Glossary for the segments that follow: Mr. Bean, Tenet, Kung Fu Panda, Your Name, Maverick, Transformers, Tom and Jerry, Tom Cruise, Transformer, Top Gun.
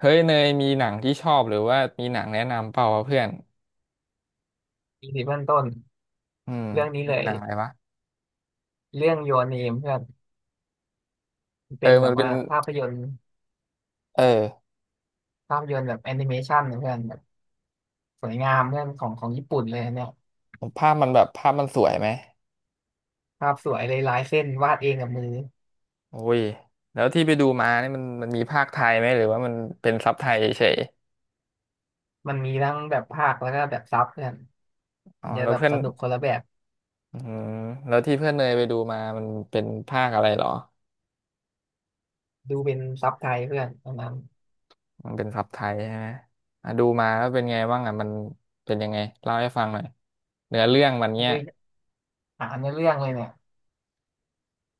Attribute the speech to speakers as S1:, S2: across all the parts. S1: เฮ้ยเนยมีหนังที่ชอบหรือว่ามีหนังแนะนำเปล่าวะเพื่อน
S2: อีพีเบื้องต้น
S1: อืม
S2: เรื่องนี้
S1: มี
S2: เล
S1: ห
S2: ย
S1: นังอะไรวะ
S2: เรื่อง Your Name เพื่อน
S1: เอ
S2: เป็
S1: อ
S2: นแบ
S1: มัน
S2: บ
S1: เป็น
S2: ว่าภาพยนตร์
S1: เออ
S2: ภาพยนตร์แบบแอนิเมชันเพื่อนแบบสวยงามเพื่อนของของญี่ปุ่นเลยอันเนี่ย
S1: ภาพมันแบบภาพมันสวยไหม
S2: ภาพสวยเลยลายเส้นวาดเองกับมือ
S1: โอ้ยแล้วที่ไปดูมาเนี่ยมันมีภาคไทยไหมหรือว่ามันเป็นซับไทยเฉย
S2: มันมีทั้งแบบภาคแล้วก็แบบซับเพื่อน
S1: ๆอ๋อ
S2: อาจจะ
S1: แล้ว
S2: แบบ
S1: เพื่อน
S2: สนุกคนละแบบ
S1: อืมแล้วที่เพื่อนเนยไปดูมามันเป็นภาคอะไรเหรอ
S2: ดูเป็นซับไทยเพื่อนตอนนั้น
S1: มันเป็นซับไทยใช่ไหมอ่ะดูมาแล้วเป็นไงบ้างอ่ะมันเป็นยังไงเล่าให้ฟังหน่อยเนื้อเรื่องมันเนี้ย
S2: คือหาในอเรื่องเลยเนี่ย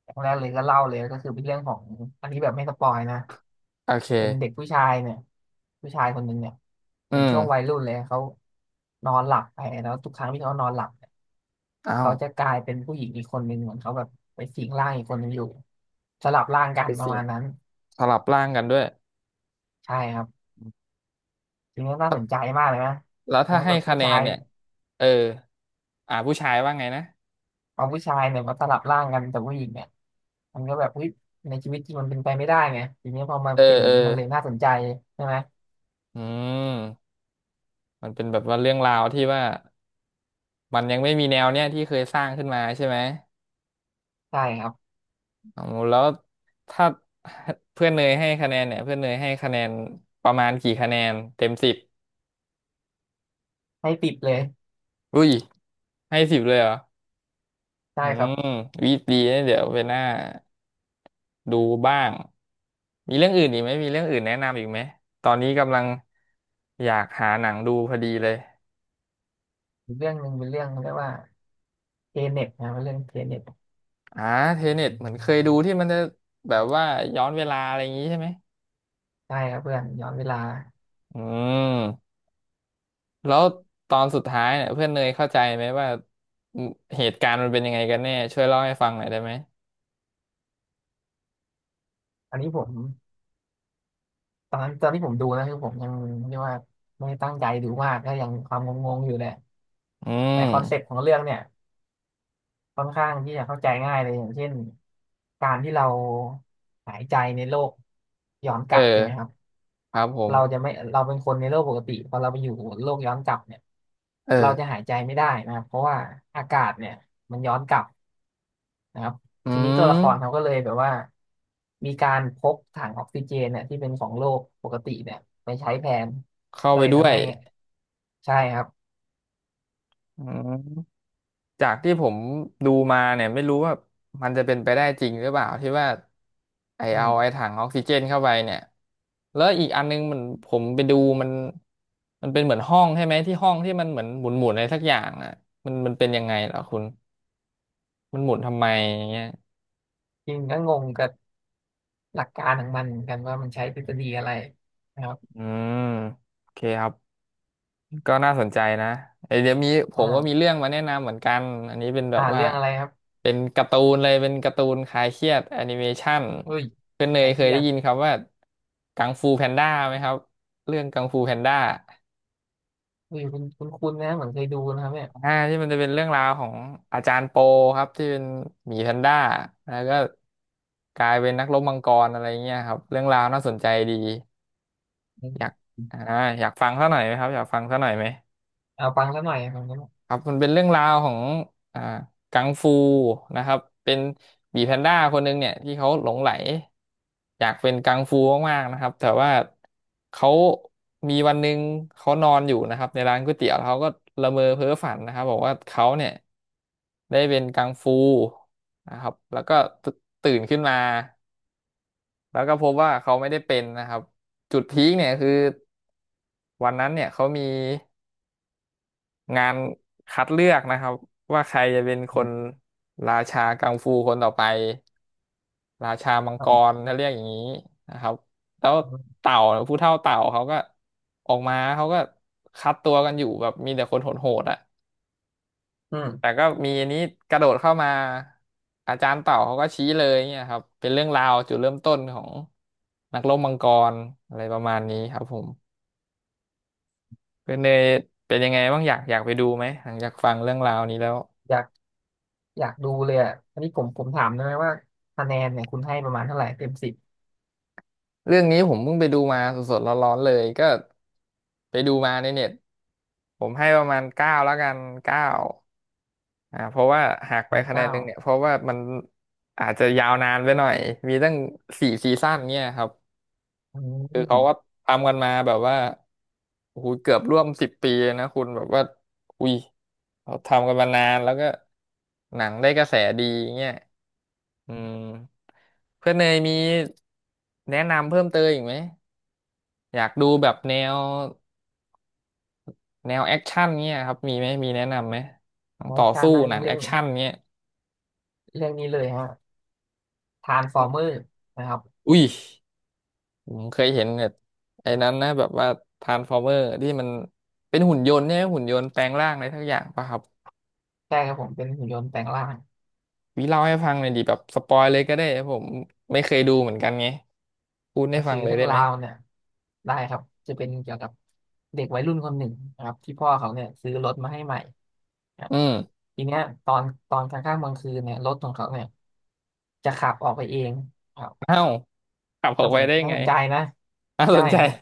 S2: อย่างแรกเลยก็เล่าเลยก็คือเป็นเรื่องของอันนี้แบบไม่สปอยนะ
S1: โอเค
S2: เป็นเด็กผู้ชายเนี่ยผู้ชายคนหนึ่งเนี่ย
S1: อื
S2: เป็นช่
S1: ม
S2: วงวัยรุ่นเลยเขานอนหลับไปแล้วทุกครั้งที่เขานอนหลับเนี่ย
S1: อ้าว
S2: เขาจะกลายเป็นผู้หญิงอีกคนหนึ่งเหมือนเขาแบบไปสิงร่างอีกคนหนึ่งอยู่สลับร่างกั
S1: ไป
S2: นประ
S1: สิ
S2: มาณนั้น
S1: สลับร่างกันด้วย
S2: ใช่ครับทีนี้น่าสนใจมากเลยนะ
S1: แล้วถ้า
S2: แม้
S1: ให้
S2: แบบ
S1: คะ
S2: ผู้
S1: แน
S2: ชา
S1: น
S2: ย
S1: เนี่ยเอออ่าผู้ชายว่าไงนะ
S2: เอาผู้ชายเนี่ยมาสลับร่างกันแต่ผู้หญิงเนี่ยมันก็แบบอุ๊ยในชีวิตจริงมันเป็นไปไม่ได้ไงทีนี้พอมา
S1: เอ
S2: เป็น
S1: อ
S2: อย่า
S1: เอ
S2: ง
S1: อ
S2: นี้มันเลยน่าสนใจใช่ไหม
S1: อืมมันเป็นแบบว่าเรื่องราวที่ว่ามันยังไม่มีแนวเนี้ยที่เคยสร้างขึ้นมาใช่ไหม
S2: ใช่ครับ
S1: อ๋อแล้วถ้าเพื่อนเนยให้คะแนนเนี่ยเพื่อนเนยให้คะแนนประมาณกี่คะแนนเต็มสิบ
S2: ให้ติดเลย
S1: อุ้ยให้สิบเลยเหรอ
S2: ได้
S1: อื
S2: ครับ
S1: มวิดีนะเดี๋ยวไปหน้าดูบ้างมีเรื่องอื่นอีกไหมมีเรื่องอื่นแนะนำอีกไหมตอนนี้กำลังอยากหาหนังดูพอดีเลย
S2: อีกเรื่องหนึ่งเป็นเรื่องเรียกว่าเทเน็ตนะเป็นเรื่องเทเน็ต
S1: อ่าเทเน็ตเหมือนเคยดูที่มันจะแบบว่าย้อนเวลาอะไรอย่างนี้ใช่ไหม
S2: ได้ครับเพื่อนย้อนเวลา
S1: อืมแล้วตอนสุดท้ายเนี่ยเพื่อนเนยเข้าใจไหมว่าอืมเหตุการณ์มันเป็นยังไงกันแน่ช่วยเล่าให้ฟังหน่อยได้ไหม
S2: อันนี้ผมตอนนั้นตอนที่ผมดูนะคือผมยังเรียกว่าไม่ได้ตั้งใจดูมากก็ยังความงงๆอยู่แหละ
S1: อื
S2: แต่
S1: ม
S2: คอนเซ็ปต์ของเรื่องเนี่ยค่อนข้างที่จะเข้าใจง่ายเลยอย่างเช่นการที่เราหายใจในโลกย้อนก
S1: เอ
S2: ลับใช่
S1: อ
S2: ไหมครับ
S1: ครับผม
S2: เราจะไม่เราเป็นคนในโลกปกติพอเราไปอยู่โลกย้อนกลับเนี่ย
S1: เออ
S2: เราจะหายใจไม่ได้นะครับเพราะว่าอากาศเนี่ยมันย้อนกลับนะครับ
S1: อื
S2: ทีนี้ตัวละครเขา
S1: ม
S2: ก็เลยแบบว่ามีการพกถังออกซิเจนเนี่ยที่เป็นของโลกปกติเนี่ยไปใช้แทน
S1: เข้า
S2: ก็
S1: ไป
S2: เลย
S1: ด้ว
S2: ทำ
S1: ย
S2: ให้ใช่ครับ
S1: อืม จากที่ผมดูมาเนี่ยไม่รู้ว่ามันจะเป็นไปได้จริงหรือเปล่าที่ว่าไอ
S2: อื
S1: เอาไอ
S2: ม
S1: ถังออกซิเจนเข้าไปเนี่ยแล้วอีกอันนึงมันผมไปดูมันเป็นเหมือนห้องใช่ไหมที่ห้องที่มันเหมือนหมุนหมุนอะไรสักอย่างอ่ะมันเป็นยังไงเหรอคุณมันหมุนทำไมอย่างเงี้ย
S2: จริงก็งงกับหลักการของมันเหมือนกันว่ามันใช้ทฤษฎีอะไรนะครับ
S1: อืมโอเคครับ ก็น่าสนใจนะเอ้ยเดี๋ยวมีผมก็มี
S2: อ่า
S1: เรื่องมาแนะนำเหมือนกัน อันนี้เป็นแบบว่า
S2: เรื่องอะไรครับ
S1: เป็นการ์ตูนเลยเป็นการ์ตูนคลายเครียดแอนิเมชัน
S2: เฮ้ย
S1: คุณเน
S2: ใคร
S1: ยเค
S2: เค
S1: ย
S2: รีย
S1: ได้
S2: ด
S1: ยินคำว่ากังฟูแพนด้าไหมครับเรื่องกังฟูแพนด้า
S2: เฮ้ยคุณนะเหมือนเคยดูนะครับเนี่ย
S1: อ่าที่มันจะเป็นเรื่องราวของอาจารย์โปครับที่เป็นหมีแพนด้าแล้วก็กลายเป็นนักรบมังกรอะไรเงี้ยครับเรื่องราวน่าสนใจดี
S2: อื
S1: อยากอ่า
S2: ม
S1: อยากฟังซะหน่อยไหมครับอยากฟังซะหน่อยไหม
S2: เอาฟังซะหน่อยฟังซะหน่อย
S1: ครับมันเป็นเรื่องราวของอ่ากังฟูนะครับเป็นหมีแพนด้าคนหนึ่งเนี่ยที่เขาหลงไหลอยากเป็นกังฟูมากๆนะครับแต่ว่าเขามีวันหนึ่งเขานอนอยู่นะครับในร้านก๋วยเตี๋ยวแล้วเขาก็ละเมอเพ้อฝันนะครับบอกว่าเขาเนี่ยได้เป็นกังฟูนะครับแล้วก็ตตื่นขึ้นมาแล้วก็พบว่าเขาไม่ได้เป็นนะครับจุดพีคเนี่ยคือวันนั้นเนี่ยเขามี งานคัดเลือกนะครับว่าใครจะเป็นค
S2: อื
S1: น
S2: ม
S1: ราชากังฟูคนต่อไปราชามัง
S2: ฟั
S1: ก
S2: ง
S1: รถ้าเรียกอย่างนี้นะครับแล้วเต่าผู้เฒ่าเต่าเขาก็ออกมาเขาก็คัดตัวกันอยู่แบบมีแต่คนโหดๆอ่ะ
S2: อื
S1: แต่
S2: ม
S1: ก็มีอันนี้กระโดดเข้ามาอาจารย์เต่าเขาก็ชี้เลยเนี่ยครับเป็นเรื่องราวจุดเริ่มต้นของนักรบมังกรอะไรประมาณนี้ครับผมเป็นเนยเป็นยังไงบ้างอยากอยากไปดูไหมหลังจากฟังเรื่องราวนี้แล้ว
S2: อยากอยากดูเลยอ่ะอันนี้ผมถามได้ไหมว่าคะแนนเนี่ยคุณให้ประมาณเท่าไหร่เต็มสิบ
S1: เรื่องนี้ผมเพิ่งไปดูมาสดๆร้อนๆเลยก็ไปดูมาในเน็ตผมให้ประมาณเก้าแล้วกันเก้าอ่าเพราะว่าหัก
S2: ประ
S1: ไป
S2: มาณ
S1: คะแนน
S2: เก้า
S1: หนึ่งเนี่ยเพราะว่ามันอาจจะยาวนานไปหน่อยมีตั้งสี่ซีซั่นเนี่ยครับ
S2: อื
S1: คือเขาก็
S2: ม
S1: ทำกันมาแบบว่าโอ้โหเกือบร่วมสิบปีเลยนะคุณแบบว่าอุ้ยเขาทำกันมานานแล้วก็หนังได้กระแสดีเงี้ยอืมเพื่อนเนยมีแนะนำเพิ่มเติมอีกไหม อยากดูแบบแนวแนวแอคชั่นเงี้ยครับมีไหมมีแนะนำไหมหนัง
S2: ใช้
S1: ต่อ
S2: ชา
S1: สู้
S2: ตินั่น
S1: หนัง
S2: เรื่
S1: แอ
S2: อ
S1: ค
S2: ง
S1: ชั่นเงี้ย
S2: เรื่องนี้เลยฮะทรานส์ฟอร์เมอร์นะครับ
S1: อุ้ยผมเคยเห็นแบบไอ้นั้นนะแบบว่าทรานส์ฟอร์เมอร์ที่มันเป็นหุ่นยนต์เนี่ยหุ่นยนต์แปลงร่างอะไรทักอย่างป่ะครับ
S2: ใช่ครับผมเป็นหุ่นยนต์แปลงร่าง
S1: วิเล่าให้ฟังหน่อยดิแบบสปอยเลยก็ได้ผมไม่เคยดูเหมือนกันไงพูดให้
S2: ก็
S1: ฟั
S2: คือ
S1: งเลย
S2: เรื่อง
S1: ได้ไห
S2: รา
S1: ม
S2: วเนี่ยได้ครับจะเป็นเกี่ยวกับเด็กวัยรุ่นคนหนึ่งนะครับที่พ่อเขาเนี่ยซื้อรถมาให้ใหม่ครับ
S1: อืม
S2: ทีเนี้ยตอนตอนกลางค่ำกลางคืนเนี่ยรถของเขาเนี่ยจะขับออกไปเองครับ
S1: เอ้าขับออ
S2: น่า
S1: กไป
S2: สน
S1: ได้
S2: น่า
S1: ไง
S2: สนใจนะ
S1: น่าส
S2: ใช่
S1: นใจ
S2: ฮะ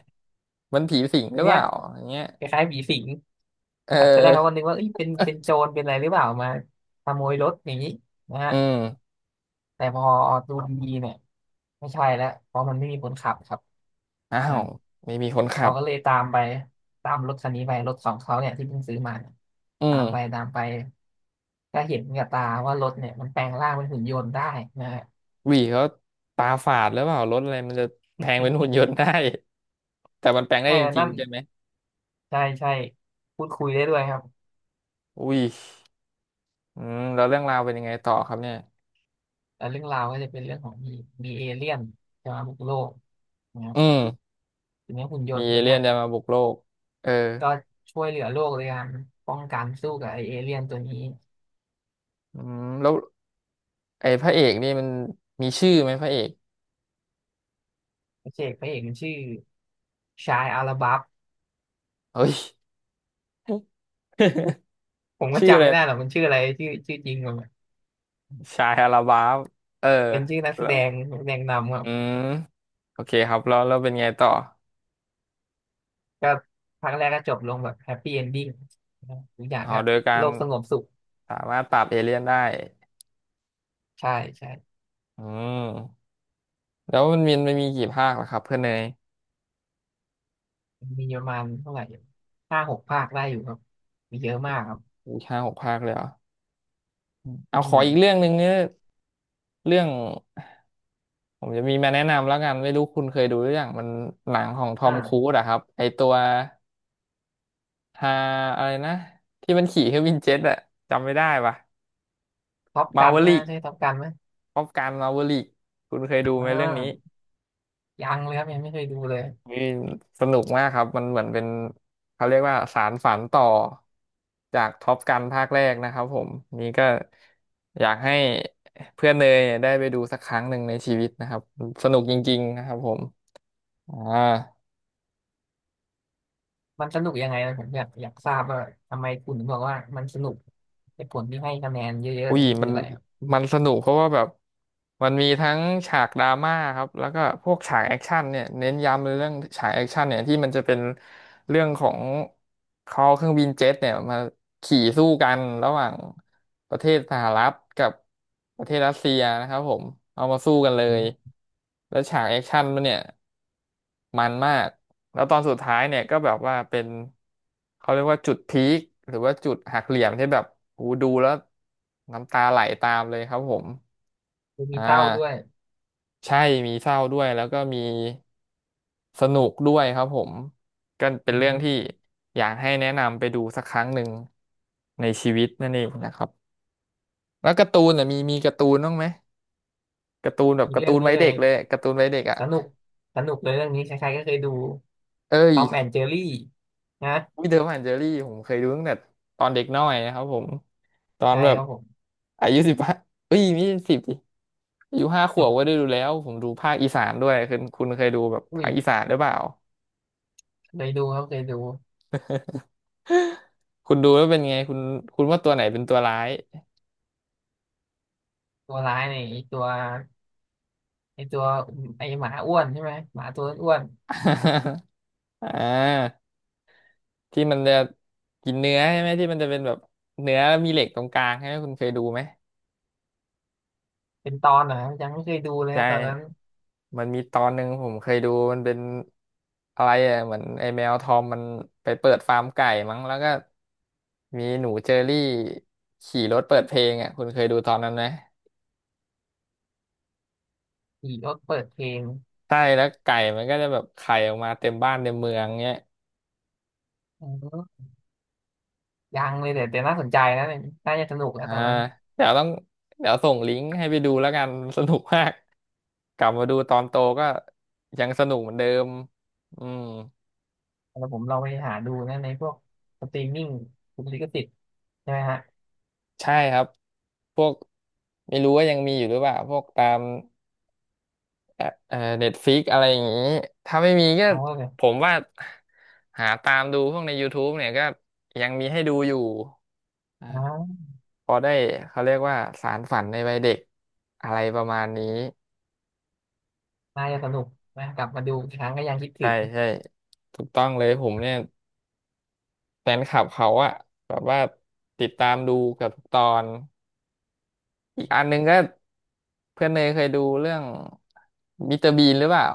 S1: มันผีสิงห
S2: ที
S1: รือเป
S2: เนี้ย
S1: ล่าอย่างเงี้ย
S2: คล้ายๆผีสิง
S1: เออ
S2: ครับตอนแรกเขาก็นึกว่าเอ้ยเป็นเป็นโจรเป็นอะไรหรือเปล่ามาขโมยรถอย่างนี้นะฮะ
S1: อืม
S2: แต่พอดูดีๆเนี่ยไม่ใช่แล้วเพราะมันไม่มีคนขับครับ
S1: อ้า
S2: อ่า
S1: วไม่มีคนขั
S2: เขา
S1: บ
S2: ก็เลยตามไปตามรถคันนี้ไปรถของเขาเนี่ยที่เพิ่งซื้อมาเนี่ย
S1: อื
S2: ตาม
S1: ม
S2: ไปตามไปก็เห็นกับตาว่ารถเนี่ยมันแปลงร่างเป็นหุ่นยนต์ได้นะฮะ
S1: วีเขาตาฝาดหรือเปล่ารถอะไรมันจะแปลงเป็นหุ่นยนต์ได้ แต่มันแปลงได้
S2: ใช่
S1: จ
S2: แล้ว
S1: ริง
S2: นั่น
S1: ๆใช่ไหม
S2: ใช่ใช่พูดคุยได้ด้วยครับ
S1: อุ้ยอืมแล้วเรื่องราวเป็นยังไงต่อครับเนี่ย
S2: แล้วเรื่องราวก็จะเป็นเรื่องของมีมีเอเลี่ยนจะมาบุกโลกนะครับ
S1: อืม
S2: ทีนี้หุ่นย
S1: มี
S2: นต์
S1: เอ
S2: ตัว
S1: เลี่
S2: เนี้
S1: ย
S2: ย
S1: นจะมาบุกโลกเออ
S2: ก็ช่วยเหลือโลกในการป้องกันสู้กับไอเอเลี่ยนตัวนี้
S1: อืมแล้วไอ้พระเอกนี่มันมีชื่อไหมพระเอก
S2: พระเอกมันชื่อชายอาราบัฟ
S1: เฮ้ย
S2: ผม ก็
S1: ชื่ออะ
S2: จำ
S1: ไร
S2: ไม่ได้หรอกมันชื่ออะไรชื่อชื่อจริงมัน
S1: ชายอาราบาฟเออ
S2: เป็นชื่อนักแส
S1: แล้
S2: ด
S1: ว
S2: งนักแสดงนำครั
S1: อื
S2: บ
S1: มโอเคครับแล้วเป็นไงต่อ
S2: ก็ภาัแรกก็จบลงแบบแฮปปี้เอนดิ้งทุกอย่าง
S1: อ๋อ
S2: ก็
S1: โดยกา
S2: โล
S1: ร
S2: กสงบสุข
S1: สามารถปราบเอเลี่ยนได้
S2: ใช่ใช่
S1: อืมแล้วมันมีกี่ภาคล่ะครับเพื่อนเนย
S2: มีประมาณเท่าไหร่ห้าหกภาคได้อยู่ครับมีเยอะมากครับ
S1: อู5-6 ภาคเลยเหรอเอา
S2: อื
S1: ขออีกเรื่อ
S2: ม
S1: งหนึ่งเนี่ยเรื่องผมจะมีมาแนะนำแล้วกัน ไม่รู้คุณเคยดูหรือยังมันหนังของทอมครู
S2: อ่า
S1: ซอะครับ ไอตัวฮาอะไรนะที่มันขี่เครื่องบินเจ็ตอะจำไม่ได้ปะ
S2: ท็อป
S1: มา
S2: กัน
S1: เวอ
S2: ไหม
S1: ริก
S2: ใช่ท็อปกันไหม
S1: ป๊อปการมาเวอริกคุณเคยดู
S2: อ่
S1: ไหมเรื่องนี้
S2: ายังเลยครับยังไม่เคยดูเลย
S1: นี่สนุกมากครับ มันเหมือนเป็นเขาเรียกว่าสารฝันต่อจากท็อปกันภาคแรกนะครับผมนี่ก็อยากให้เพื่อนเนยยได้ไปดูสักครั้งหนึ่งในชีวิตนะครับสนุกจริงๆนะครับผมอ่า
S2: มันสนุกยังไงนะผมอยากทราบว่าทำไมคุณถึงบอกว่ามันสนุกเหตุผลที่ให้คะแนนเยอะๆ
S1: อุ้
S2: เนี่
S1: ย
S2: ยมันคื
S1: มั
S2: อ
S1: น
S2: อะไรครับ
S1: มันสนุกเพราะว่าแบบมันมีทั้งฉากดราม่าครับแล้วก็พวกฉากแอคชั่นเนี่ยเน้นย้ำเลยเรื่องฉากแอคชั่นเนี่ยที่มันจะเป็นเรื่องของเขาเอาเครื่องบินเจ็ตเนี่ยมาขี่สู้กันระหว่างประเทศสหรัฐกับประเทศรัสเซียนะครับผมเอามาสู้กันเล
S2: อื
S1: ย
S2: ม
S1: แล้วฉากแอคชั่นมันเนี่ย มันมากแล้วตอนสุดท้ายเนี่ยก็แบบว่าเป็นเขาเรียกว่าจุดพีคหรือว่าจุดหักเหลี่ยมที่แบบโอ้โหดูแล้วน้ำตาไหลตามเลยครับผม
S2: มี
S1: อ่
S2: เศร้าด้วย
S1: าใช่มีเศร้าด้วยแล้วก็มีสนุกด้วยครับผมก็เป็น
S2: อื
S1: เรื่อง
S2: ม
S1: ที่อยากให้แนะนำไปดูสักครั้งหนึ่งในชีวิตนั่นเองนะครับแล้วการ์ตูนน่ะมีการ์ตูนบ้างไหมการ์ตูนแบบ
S2: มี
S1: การ์
S2: เรื่
S1: ตู
S2: อง
S1: น
S2: นี้
S1: วัย
S2: เล
S1: เด็
S2: ย
S1: กเลยการ์ตูนวัยเด็กอ่ะ
S2: สนุกสนุกเลยเรื่องนี้ใครๆก็เคยดู
S1: เอ้
S2: ท
S1: ย
S2: อมแอนเจอรี่นะ
S1: วิ้ยเดอร์แอนเจอรี่ผมเคยดูตั้งแต่ตอนเด็กน้อยนะครับผมตอน
S2: ใช่
S1: แบ
S2: ค
S1: บ
S2: รับผม
S1: อายุ15เอ้ยไม่ใช่สิบดิอายุ5 ขวบก็ได้ ดูแล้วผมดูภาคอีสานด้วยคุณเคยดูแบบ
S2: อุ้
S1: ภา
S2: ย
S1: คอีสานหรือเปล่า
S2: เคยดูครับเคยดู
S1: คุณดูแล้วเป็นไงคุณคุณว่าตัวไหนเป็นตัวร้าย
S2: ตัวร้ายเนี่ยไอ้ตัวไอตัวไอหมาอ้วนใช่ไหมหมาตัวอ้วน
S1: อ่าที่มันจะกินเนื้อใช่ไหมที่มันจะเป็นแบบเนื้อมีเหล็กตรงกลางใช่ไหมคุณเคยดูไหม
S2: ๆเป็นตอนเหรอครับยังไม่เคยดูเลย
S1: ใช
S2: นะตอนนั้น
S1: ่มันมีตอนหนึ่งผมเคยดูมันเป็นอะไรอ่ะเหมือนไอ้แมวทอมมันไปเปิดฟาร์มไก่มั้งแล้วก็มีหนูเจอรี่ขี่รถเปิดเพลงอ่ะคุณเคยดูตอนนั้นไหม
S2: ขี่รถเปิดเพลง
S1: ใช่แล้วไก่มันก็จะแบบไข่ออกมาเต็มบ้านเต็มเมืองเงี้ย
S2: อ๋อยังเลยแต่แต่น่าสนใจนะน่าจะสนุก
S1: อ่า
S2: นะตอนนั้น
S1: เดี๋ยวต้องเดี๋ยวส่งลิงก์ให้ไปดูแล้วกันสนุกมากกลับมาดูตอนโตก็ยังสนุกเหมือนเดิมอืม
S2: แล้วผมเราไปหาดูนะในพวกสตรีมมิ่งคุณลิขสิทธิ์ใช่ไหมฮะ
S1: ใช่ครับพวกไม่รู้ว่ายังมีอยู่หรือเปล่าพวกตาม แอปเน็ตฟิกอะไรอย่างนี้ ถ้าไม่มีก็
S2: เขาก็แบบ
S1: ผมว่าหาตามดูพวกใน YouTube เนี่ยก็ยังมีให้ดูอยู่อ่า
S2: อ้าว
S1: พอได้เขาเรียกว่าสารฝันในวัยเด็กอะไรประมาณนี้
S2: น่าจะสนุกนะกลับมาดูอีกครั้งก็ยังคิดถึ
S1: ใช่
S2: ง
S1: ใช่ถูกต้องเลยผมเนี่ยแฟนคลับเขาอะแบบว่าติดตามดูเกับทุกตอนอีกอันหนึงก็เพื่อนเนยเคยดูเรื่องมิสเตอร์บีนหรือเปล่า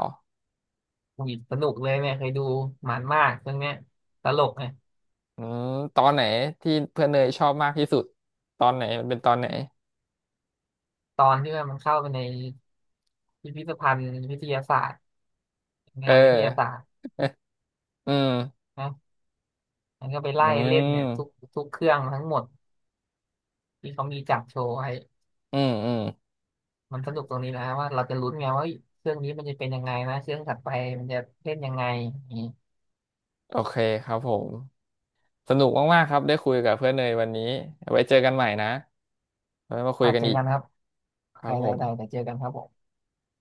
S2: อุ้ยสนุกเลยเนี่ยเคยดูมันมากเรื่องเนี้ยตลกไง
S1: อืมตอนไหนที่เพื่อนเนยชอบมากที่สุดตอนไหนมันเป็นตอนไหน
S2: ตอนที่ว่ามันเข้าไปในพิพิธภัณฑ์วิทยาศาสตร์
S1: เออ
S2: งานวิทยาศาสตร์
S1: อืม
S2: นะมันก็ไป
S1: อื
S2: ไล่เล่นเนี่ยทุก
S1: ม
S2: ทุกเครื่องทั้งหมดที่เขามีจัดโชว์ไว้
S1: อืมอืม
S2: มันสนุกตรงนี้นะว่าเราจะลุ้นไงว่าเฮ้ยเครื่องนี้มันจะเป็นยังไงนะเครื่องถัดไปมันจะเล่นยังไงอย่างนี้
S1: โอเคครับผม สนุกมากๆครับ ได้คุยกับเพื่อนเนยวันนี้ไว้เจอกันใหม่นะไว้มาคุย
S2: อาจ
S1: กัน
S2: เจอ
S1: อีก
S2: กันครับ
S1: ค
S2: ไป
S1: รับ
S2: ๆๆ
S1: ผ
S2: เดี
S1: ม
S2: ๋ยวเจอกันครับผม